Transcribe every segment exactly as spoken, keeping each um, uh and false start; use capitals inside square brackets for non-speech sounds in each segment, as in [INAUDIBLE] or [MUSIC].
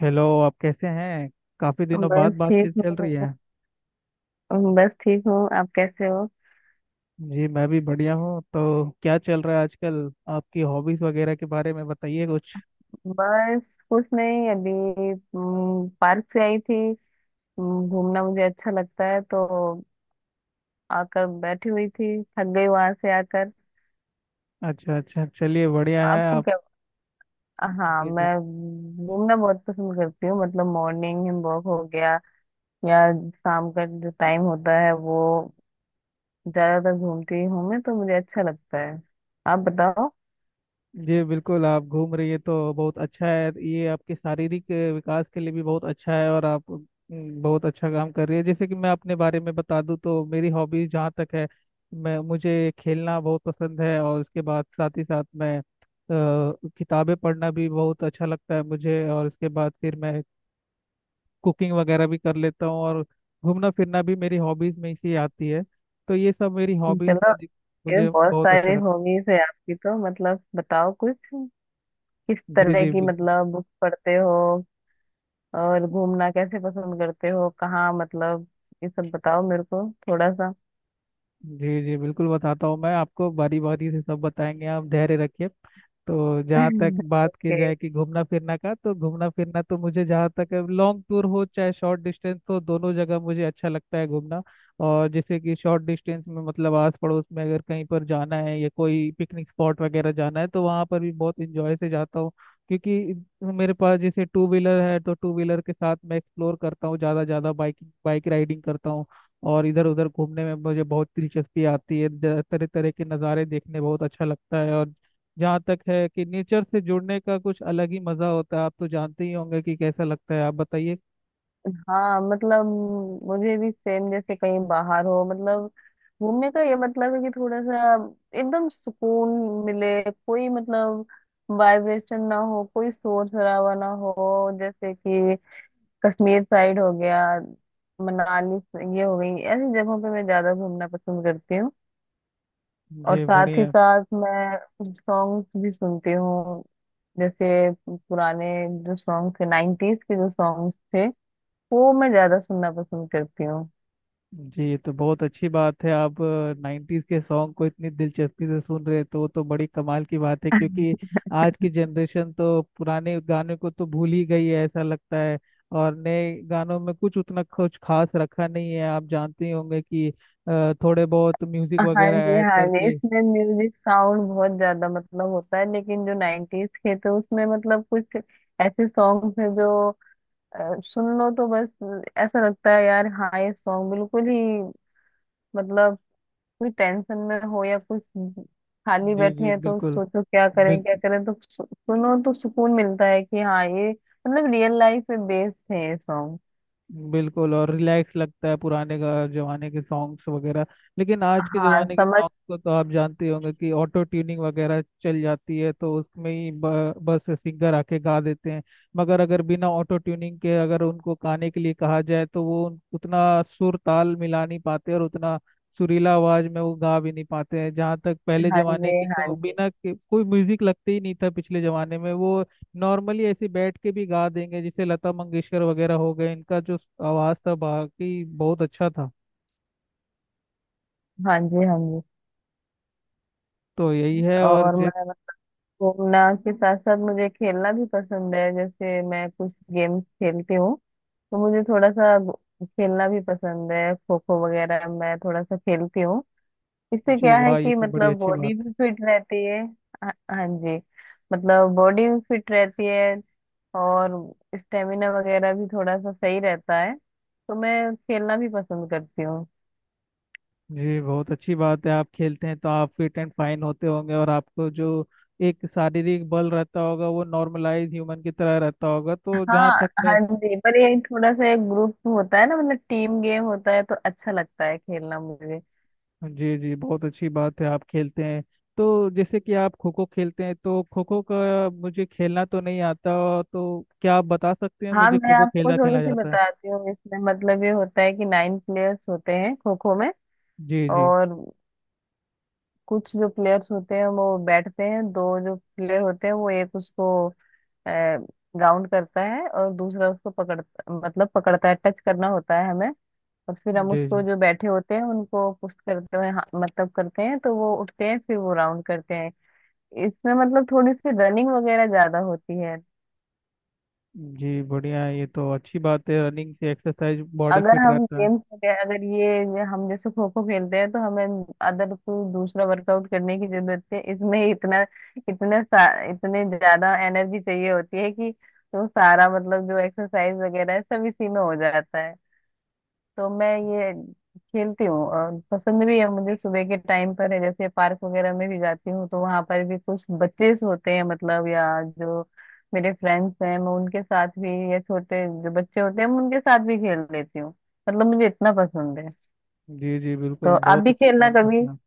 Hello, आप कैसे हैं? काफी दिनों बाद बस ठीक बातचीत चल रही हूँ है। बस ठीक हूँ आप कैसे हो। जी, मैं भी बढ़िया हूँ। तो क्या चल रहा है आजकल? आपकी हॉबीज वगैरह के बारे में बताइए कुछ। बस कुछ नहीं अभी। हम्म, पार्क से आई थी। हम्म, घूमना मुझे अच्छा लगता है, तो आकर बैठी हुई थी, थक गई वहां से आकर। अच्छा अच्छा, चलिए बढ़िया है। आपको आप? क्या? हाँ, जी मैं जी। घूमना बहुत पसंद करती हूँ। मतलब मॉर्निंग वॉक हो गया या शाम का जो टाइम होता है, वो ज्यादातर घूमती हूँ मैं, तो मुझे अच्छा लगता है। आप बताओ। जी बिल्कुल, आप घूम रही है तो बहुत अच्छा है, ये आपके शारीरिक अ, विकास के लिए भी बहुत अच्छा है। और आप अम, बहुत अच्छा काम कर रही है। जैसे कि मैं अपने बारे में बता दूं तो मेरी हॉबीज जहाँ तक है, मैं मुझे खेलना बहुत पसंद है। और उसके बाद साथ ही साथ मैं अ, किताबें पढ़ना भी बहुत अच्छा लगता है मुझे। और उसके बाद फिर मैं कुकिंग वगैरह भी कर लेता हूँ, और घूमना फिरना भी मेरी हॉबीज में ही से आती है। तो ये सब मेरी हॉबीज चलो, है, ये मुझे बहुत बहुत अच्छा सारी लगता हॉबीज है आपकी। तो मतलब बताओ कुछ, किस है। जी तरह जी की बिल्कुल। मतलब बुक पढ़ते हो, और घूमना कैसे पसंद करते हो, कहाँ मतलब ये सब बताओ मेरे को थोड़ा सा। जी जी बिल्कुल, बताता हूँ। मैं आपको बारी बारी से सब बताएंगे, आप धैर्य रखिए। तो जहाँ तक [LAUGHS] बात की ओके। जाए कि घूमना फिरना का, तो घूमना फिरना तो मुझे जहाँ तक लॉन्ग टूर हो चाहे शॉर्ट डिस्टेंस हो, दोनों जगह मुझे अच्छा लगता है घूमना। और जैसे कि शॉर्ट डिस्टेंस में, मतलब आस पड़ोस में अगर कहीं पर जाना है, या कोई पिकनिक स्पॉट वगैरह जाना है, तो वहाँ पर भी बहुत इंजॉय से जाता हूँ। क्योंकि मेरे पास जैसे टू व्हीलर है, तो टू व्हीलर के साथ मैं एक्सप्लोर करता हूँ ज़्यादा ज़्यादा, बाइक बाइक राइडिंग करता हूँ। और इधर उधर घूमने में मुझे बहुत दिलचस्पी आती है। तरह तरह के नज़ारे देखने बहुत अच्छा लगता है। और जहाँ तक है कि नेचर से जुड़ने का कुछ अलग ही मज़ा होता है, आप तो जानते ही होंगे कि कैसा लगता है। आप बताइए। हाँ, मतलब मुझे भी सेम, जैसे कहीं बाहर हो मतलब घूमने का, ये मतलब है कि थोड़ा सा एकदम सुकून मिले, कोई मतलब वाइब्रेशन ना हो, कोई शोर शराबा ना हो। जैसे कि कश्मीर साइड हो गया, मनाली ये हो गई, ऐसी जगहों पे मैं ज्यादा घूमना पसंद करती हूँ। और मुझे साथ ही बढ़िया। साथ मैं कुछ सॉन्ग्स भी सुनती हूँ। जैसे पुराने जो सॉन्ग्स थे, नाइन्टीज के जो सॉन्ग्स थे, वो मैं ज्यादा सुनना पसंद करती हूँ। जी, तो बहुत अच्छी बात है, आप नाइन्टीज के सॉन्ग को इतनी दिलचस्पी से सुन रहे हैं, तो वो तो बड़ी कमाल की बात है। क्योंकि आज की जनरेशन तो पुराने गाने को तो भूल ही गई है ऐसा लगता है। और नए गानों में कुछ उतना कुछ खास रखा नहीं है, आप जानते ही होंगे कि अ, थोड़े बहुत म्यूजिक हाँ वगैरह जी, ऐड हाँ जी। करके। इसमें म्यूजिक साउंड बहुत ज्यादा मतलब होता है, लेकिन जो नाइन्टीज के, तो उसमें मतलब कुछ ऐसे सॉन्ग है जो अ, सुन लो तो बस ऐसा लगता है यार, हाँ ये सॉन्ग बिल्कुल ही मतलब कोई टेंशन में हो या कुछ खाली जी बैठे जी हैं, तो बिल्कुल। सोचो क्या करें क्या बिल्कुल करें, तो सु, सुनो तो सुकून मिलता है कि हाँ ये मतलब रियल लाइफ पे बेस्ड है ये सॉन्ग। बिल्कुल, और रिलैक्स लगता है पुराने का जमाने के सॉन्ग्स वगैरह। लेकिन आज के हाँ, जमाने के समझ। सॉन्ग्स को तो आप जानते ही होंगे कि ऑटो ट्यूनिंग वगैरह चल जाती है, तो उसमें ही ब, बस सिंगर आके गा देते हैं। मगर अगर बिना ऑटो ट्यूनिंग के अगर उनको गाने के लिए कहा जाए, तो वो उन- उतना सुर ताल मिला नहीं पाते, और उतना सुरीला आवाज में वो गा भी नहीं पाते हैं। जहाँ तक पहले हाँ जमाने जी, के, हाँ तो जी। बिना के, कोई म्यूजिक लगते ही नहीं था पिछले जमाने में। वो नॉर्मली ऐसे बैठ के भी गा देंगे, जैसे लता मंगेशकर वगैरह हो गए, इनका जो आवाज़ था बाकी बहुत अच्छा था। हाँ जी, हाँ जी। तो यही है। और और जी। मैं घूमना के साथ साथ मुझे खेलना भी पसंद है। जैसे मैं कुछ गेम्स खेलती हूँ, तो मुझे थोड़ा सा घू- खेलना भी पसंद है। खो खो वगैरह मैं थोड़ा सा खेलती हूँ, इससे जी क्या है वाह, ये कि तो बड़ी मतलब अच्छी बॉडी बात भी है। फिट रहती है। हाँ हाँ जी, मतलब बॉडी भी फिट रहती है और स्टेमिना वगैरह भी थोड़ा सा सही रहता है, तो मैं खेलना भी पसंद करती हूँ। जी बहुत अच्छी बात है, आप खेलते हैं तो आप फिट एंड फाइन होते होंगे, और आपको जो एक शारीरिक बल रहता होगा वो नॉर्मलाइज ह्यूमन की तरह रहता होगा। तो जहाँ हाँ तक मैं। हाँ जी, पर ये थोड़ा सा एक ग्रुप होता है ना, मतलब टीम गेम होता है, तो अच्छा लगता है खेलना मुझे। जी जी, बहुत अच्छी बात है, आप खेलते हैं। तो जैसे कि आप खो खो खेलते हैं, तो खो खो का मुझे खेलना तो नहीं आता। तो क्या आप बता सकते हैं हाँ, मुझे मैं खो खो आपको खेलना थोड़ी खेला सी जाता है? बताती हूँ। इसमें मतलब ये होता है कि नाइन प्लेयर्स होते हैं खो खो में। जी जी। और कुछ जो प्लेयर्स होते हैं वो बैठते हैं, दो जो प्लेयर होते हैं वो एक उसको राउंड करता है और दूसरा उसको पकड़ता, मतलब पकड़ता है, टच करना होता है हमें। और फिर हम जी जी। उसको जो बैठे होते हैं उनको पुश करते हैं, हाँ, मतलब करते हैं, तो वो उठते हैं फिर वो राउंड करते हैं। इसमें मतलब थोड़ी सी रनिंग वगैरह ज्यादा होती है। जी बढ़िया है, ये तो अच्छी बात है, रनिंग से एक्सरसाइज बॉडी अगर फिट हम रहता है। गेम्स वगैरह, अगर ये हम जैसे खो खो खेलते हैं, तो हमें अदर कोई दूसरा वर्कआउट करने की जरूरत है इसमें, इतना इतने सा- इतने ज्यादा एनर्जी चाहिए होती है कि तो सारा मतलब जो एक्सरसाइज वगैरह है सब इसी में हो जाता है। तो मैं ये खेलती हूँ और पसंद भी है मुझे। सुबह के टाइम पर है जैसे पार्क वगैरह में भी जाती हूँ, तो वहां पर भी कुछ बच्चे होते हैं मतलब, या जो मेरे फ्रेंड्स हैं मैं उनके साथ भी, या छोटे जो बच्चे होते हैं मैं उनके साथ भी खेल लेती हूँ। मतलब मुझे इतना पसंद है। जी जी तो बिल्कुल, आप बहुत भी अच्छा खेलना काम करते कभी। हैं आप।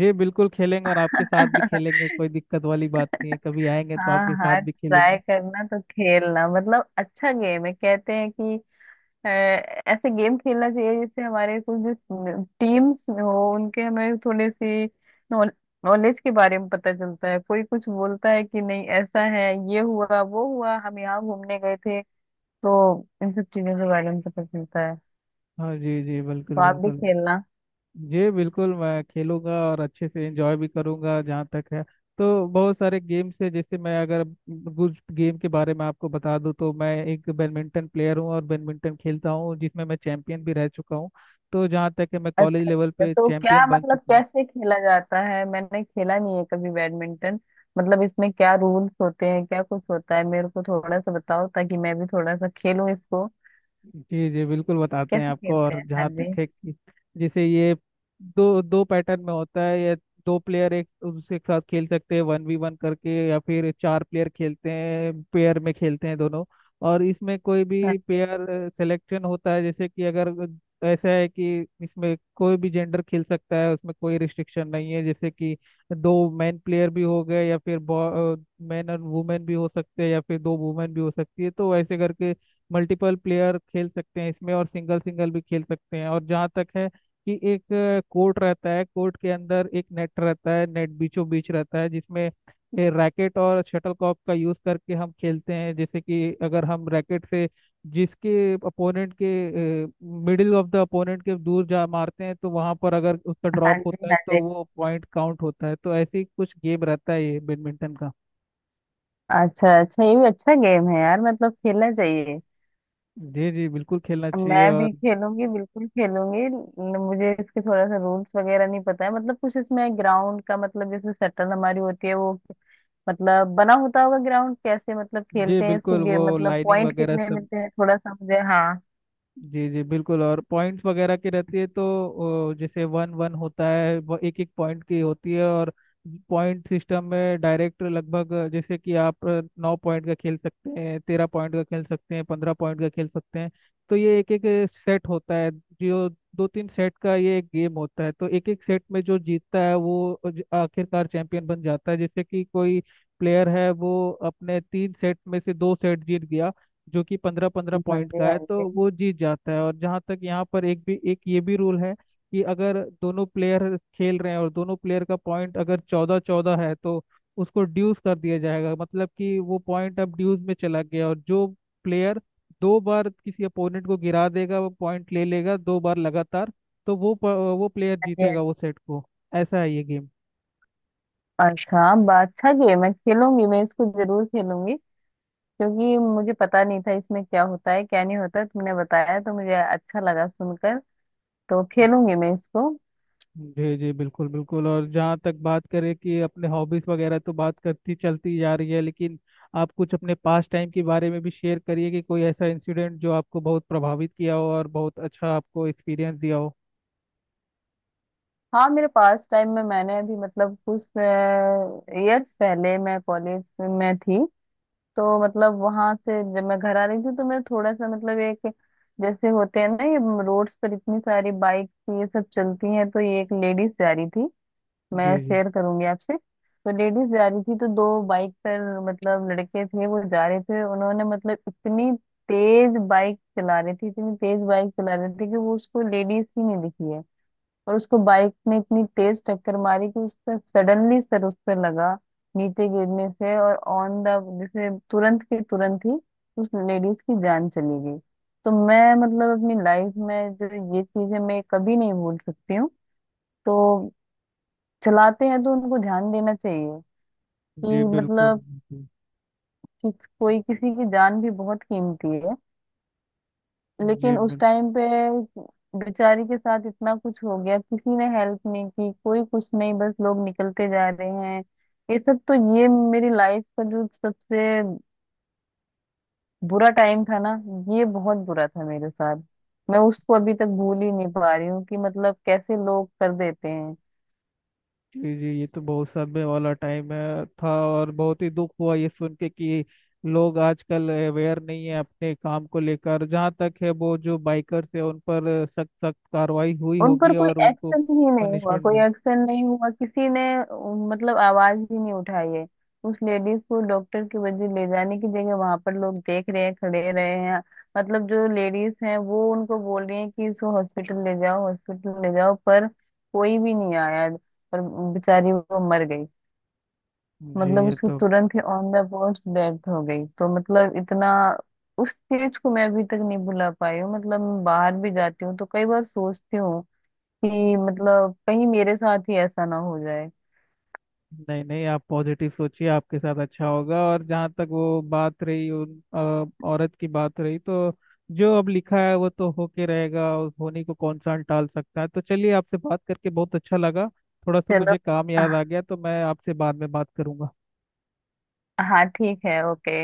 जी बिल्कुल खेलेंगे, और आपके साथ भी खेलेंगे, [LAUGHS] कोई दिक्कत वाली बात नहीं है। कभी आएंगे तो हाँ आपके साथ हाँ, भी ट्राई खेलेंगे। करना तो खेलना। मतलब अच्छा गेम है, कहते हैं कि अ, ऐसे गेम खेलना चाहिए जिससे हमारे कुछ जो टीम्स हो उनके हमें थोड़ी सी नॉलेज के बारे में पता चलता है, कोई कुछ बोलता है कि नहीं ऐसा है, ये हुआ वो हुआ, हम यहाँ घूमने गए थे, तो इन सब चीजों के बारे में पता चलता है। हाँ जी, जी बिल्कुल तो आप भी बिल्कुल। खेलना। जी बिल्कुल, मैं खेलूंगा और अच्छे से एंजॉय भी करूंगा। जहाँ तक है, तो बहुत सारे गेम्स है। जैसे मैं अगर कुछ गेम के बारे में आपको बता दूं, तो मैं एक बैडमिंटन प्लेयर हूँ और बैडमिंटन खेलता हूँ, जिसमें मैं चैंपियन भी रह चुका हूँ। तो जहाँ तक है, मैं कॉलेज अच्छा लेवल अच्छा, पे तो क्या चैंपियन बन मतलब चुका हूँ। कैसे खेला जाता है? मैंने खेला नहीं है कभी बैडमिंटन, मतलब इसमें क्या रूल्स होते हैं, क्या कुछ होता है मेरे को थोड़ा सा बताओ, ताकि मैं भी थोड़ा सा खेलूं इसको, जी जी बिल्कुल, बताते हैं कैसे आपको। खेलते और हैं। हाँ जहाँ जी, तक है कि जैसे ये दो दो पैटर्न में होता है ये। दो प्लेयर एक दूसरे के साथ खेल सकते हैं, वन वी वन करके, या फिर चार प्लेयर खेलते हैं, पेयर में खेलते हैं दोनों। और इसमें कोई भी पेयर सिलेक्शन होता है। जैसे कि अगर ऐसा है कि इसमें कोई भी जेंडर खेल सकता है, उसमें कोई रिस्ट्रिक्शन नहीं है। जैसे कि दो मैन प्लेयर भी हो गए, या फिर मैन और वुमेन भी हो सकते हैं, या फिर दो वुमेन भी हो सकती है। तो ऐसे करके मल्टीपल प्लेयर खेल सकते हैं इसमें, और सिंगल सिंगल भी खेल सकते हैं। और जहाँ तक है कि एक कोर्ट रहता है, कोर्ट के अंदर एक नेट रहता है, नेट बीचों बीच रहता है, जिसमें रैकेट और शटलकॉक का यूज करके हम खेलते हैं। जैसे कि अगर हम रैकेट से, जिसके अपोनेंट के मिडिल ऑफ द अपोनेंट के दूर जा मारते हैं, तो वहां पर अगर उसका हाँ ड्रॉप जी, होता है हाँ तो जी। वो पॉइंट काउंट होता है। तो ऐसे ही कुछ गेम रहता है ये बैडमिंटन का। अच्छा अच्छा, ये भी अच्छा गेम है यार, मतलब खेलना चाहिए। जी जी बिल्कुल, खेलना चाहिए। मैं और भी खेलूंगी, बिल्कुल खेलूंगी। न- मुझे इसके थोड़ा सा रूल्स वगैरह नहीं पता है, मतलब कुछ इसमें ग्राउंड का मतलब जैसे शटल हमारी होती है वो, मतलब बना होता होगा ग्राउंड कैसे मतलब जी खेलते हैं बिल्कुल, इसको, वो गेम मतलब लाइनिंग पॉइंट वगैरह कितने सब। मिलते हैं थोड़ा सा मुझे, हाँ। जी जी बिल्कुल, और पॉइंट्स वगैरह की रहती है। तो अ, जैसे वन वन होता है, वो एक एक पॉइंट की होती है। और पॉइंट सिस्टम में डायरेक्ट लगभग अ, जैसे कि आप अ, नौ पॉइंट का खेल सकते हैं, तेरह पॉइंट का खेल सकते हैं, पंद्रह पॉइंट का खेल सकते हैं। तो ये एक एक सेट होता है, जो दो तीन सेट का ये एक गेम होता है। तो एक एक सेट में जो जीतता है, वो ज- आखिरकार चैंपियन बन जाता है। जैसे कि कोई प्लेयर है, वो अपने तीन सेट में से दो सेट जीत गया, जो कि पंद्रह पंद्रह हाँ पॉइंट जी, का हाँ है, जी। तो हाँ वो जीत जाता है। और जहाँ तक, यहाँ पर एक भी एक ये भी रूल है कि अगर दोनों प्लेयर खेल रहे हैं और दोनों प्लेयर का पॉइंट अगर चौदह चौदह है, तो उसको ड्यूस कर दिया जाएगा। मतलब कि वो पॉइंट अब ड्यूस में चला गया, और जो प्लेयर दो बार किसी अपोनेंट को गिरा देगा वो पॉइंट ले लेगा, दो बार लगातार। तो वो प- वो प्लेयर जी, हाँ जीतेगा वो जी। सेट को। ऐसा है ये गेम। अच्छा बा- अच्छा गेम है, खेलूंगी मैं इसको, जरूर खेलूंगी, क्योंकि मुझे पता नहीं था इसमें क्या होता है क्या नहीं होता, तुमने बताया तो मुझे अच्छा लगा सुनकर, तो खेलूंगी मैं इसको। जी जी बिल्कुल बिल्कुल। और जहाँ तक बात करें कि अपने हॉबीज वगैरह तो बात करती चलती जा रही है, लेकिन आप कुछ अपने पास टाइम के बारे में भी शेयर करिए, कि कोई ऐसा इंसिडेंट जो आपको बहुत प्रभावित किया हो और बहुत अच्छा आपको एक्सपीरियंस दिया हो। हाँ, मेरे पास टाइम में मैंने अभी मतलब कुछ ईयर्स पहले मैं कॉलेज में थी, तो मतलब वहां से जब मैं घर आ रही थी, तो मैं थोड़ा सा मतलब एक, जैसे होते हैं ना ये रोड्स पर इतनी सारी बाइक ये सब चलती हैं, तो ये एक लेडीज जा रही थी, मैं जी जी। शेयर करूंगी आपसे। तो लेडीज जा रही थी, तो दो बाइक पर मतलब लड़के थे वो जा रहे थे, उन्होंने मतलब इतनी तेज बाइक चला रही थी इतनी तेज बाइक चला रही थी कि वो उसको लेडीज ही नहीं दिखी है, और उसको बाइक ने इतनी तेज टक्कर मारी कि उसका सडनली सर उस पे लगा नीचे गिरने से, और ऑन द, जैसे तुरंत के तुरंत ही उस लेडीज की जान चली गई। तो मैं मतलब अपनी लाइफ में जो ये चीजें मैं कभी नहीं भूल सकती हूँ। तो चलाते हैं तो उनको ध्यान देना चाहिए जी कि बिल्कुल। मतलब कि कोई किसी की जान भी बहुत कीमती है। जी लेकिन उस बिल्कुल। टाइम पे बेचारी के साथ इतना कुछ हो गया, किसी ने हेल्प नहीं की, कोई कुछ नहीं, बस लोग निकलते जा रहे हैं ये सब। तो ये मेरी लाइफ का जो सबसे बुरा टाइम था ना, ये बहुत बुरा था मेरे साथ। मैं उसको अभी तक भूल ही नहीं पा रही हूँ कि मतलब कैसे लोग कर देते हैं। जी जी, ये तो बहुत समय वाला टाइम है था, और बहुत ही दुख हुआ ये सुन के कि लोग आजकल अवेयर नहीं है अपने काम को लेकर। जहाँ तक है, वो जो बाइकर्स है उन पर सख्त सख्त कार्रवाई हुई उन पर होगी कोई और उनको एक्शन ही नहीं हुआ, पनिशमेंट कोई मिली। एक्शन नहीं हुआ, किसी ने उम, मतलब आवाज ही नहीं उठाई है। उस लेडीज को डॉक्टर की वजह ले जाने की जगह वहां पर लोग देख रहे हैं, खड़े रहे हैं। मतलब जो लेडीज हैं वो उनको बोल रही हैं कि इसको हॉस्पिटल ले जाओ हॉस्पिटल ले जाओ, पर कोई भी नहीं आया। पर बेचारी वो मर गई, जी मतलब ये उसकी तो। तुरंत ही ऑन द स्पॉट डेथ हो गई। तो मतलब इतना उस चीज को मैं अभी तक नहीं भुला पाई हूँ। मतलब मैं बाहर भी जाती हूँ तो कई बार सोचती हूँ कि मतलब कहीं मेरे साथ ही ऐसा ना हो जाए। नहीं नहीं, आप पॉजिटिव सोचिए, आपके साथ अच्छा होगा। और जहाँ तक वो बात रही, उन अ, औरत की बात रही, तो जो अब लिखा है वो तो होके रहेगा, और होने को कौन सा टाल सकता है। तो चलिए, आपसे बात करके बहुत अच्छा लगा। थोड़ा सा चलो। मुझे काम याद आह, आ गया, तो मैं आपसे बाद में बात करूंगा। हाँ, ठीक है, ओके।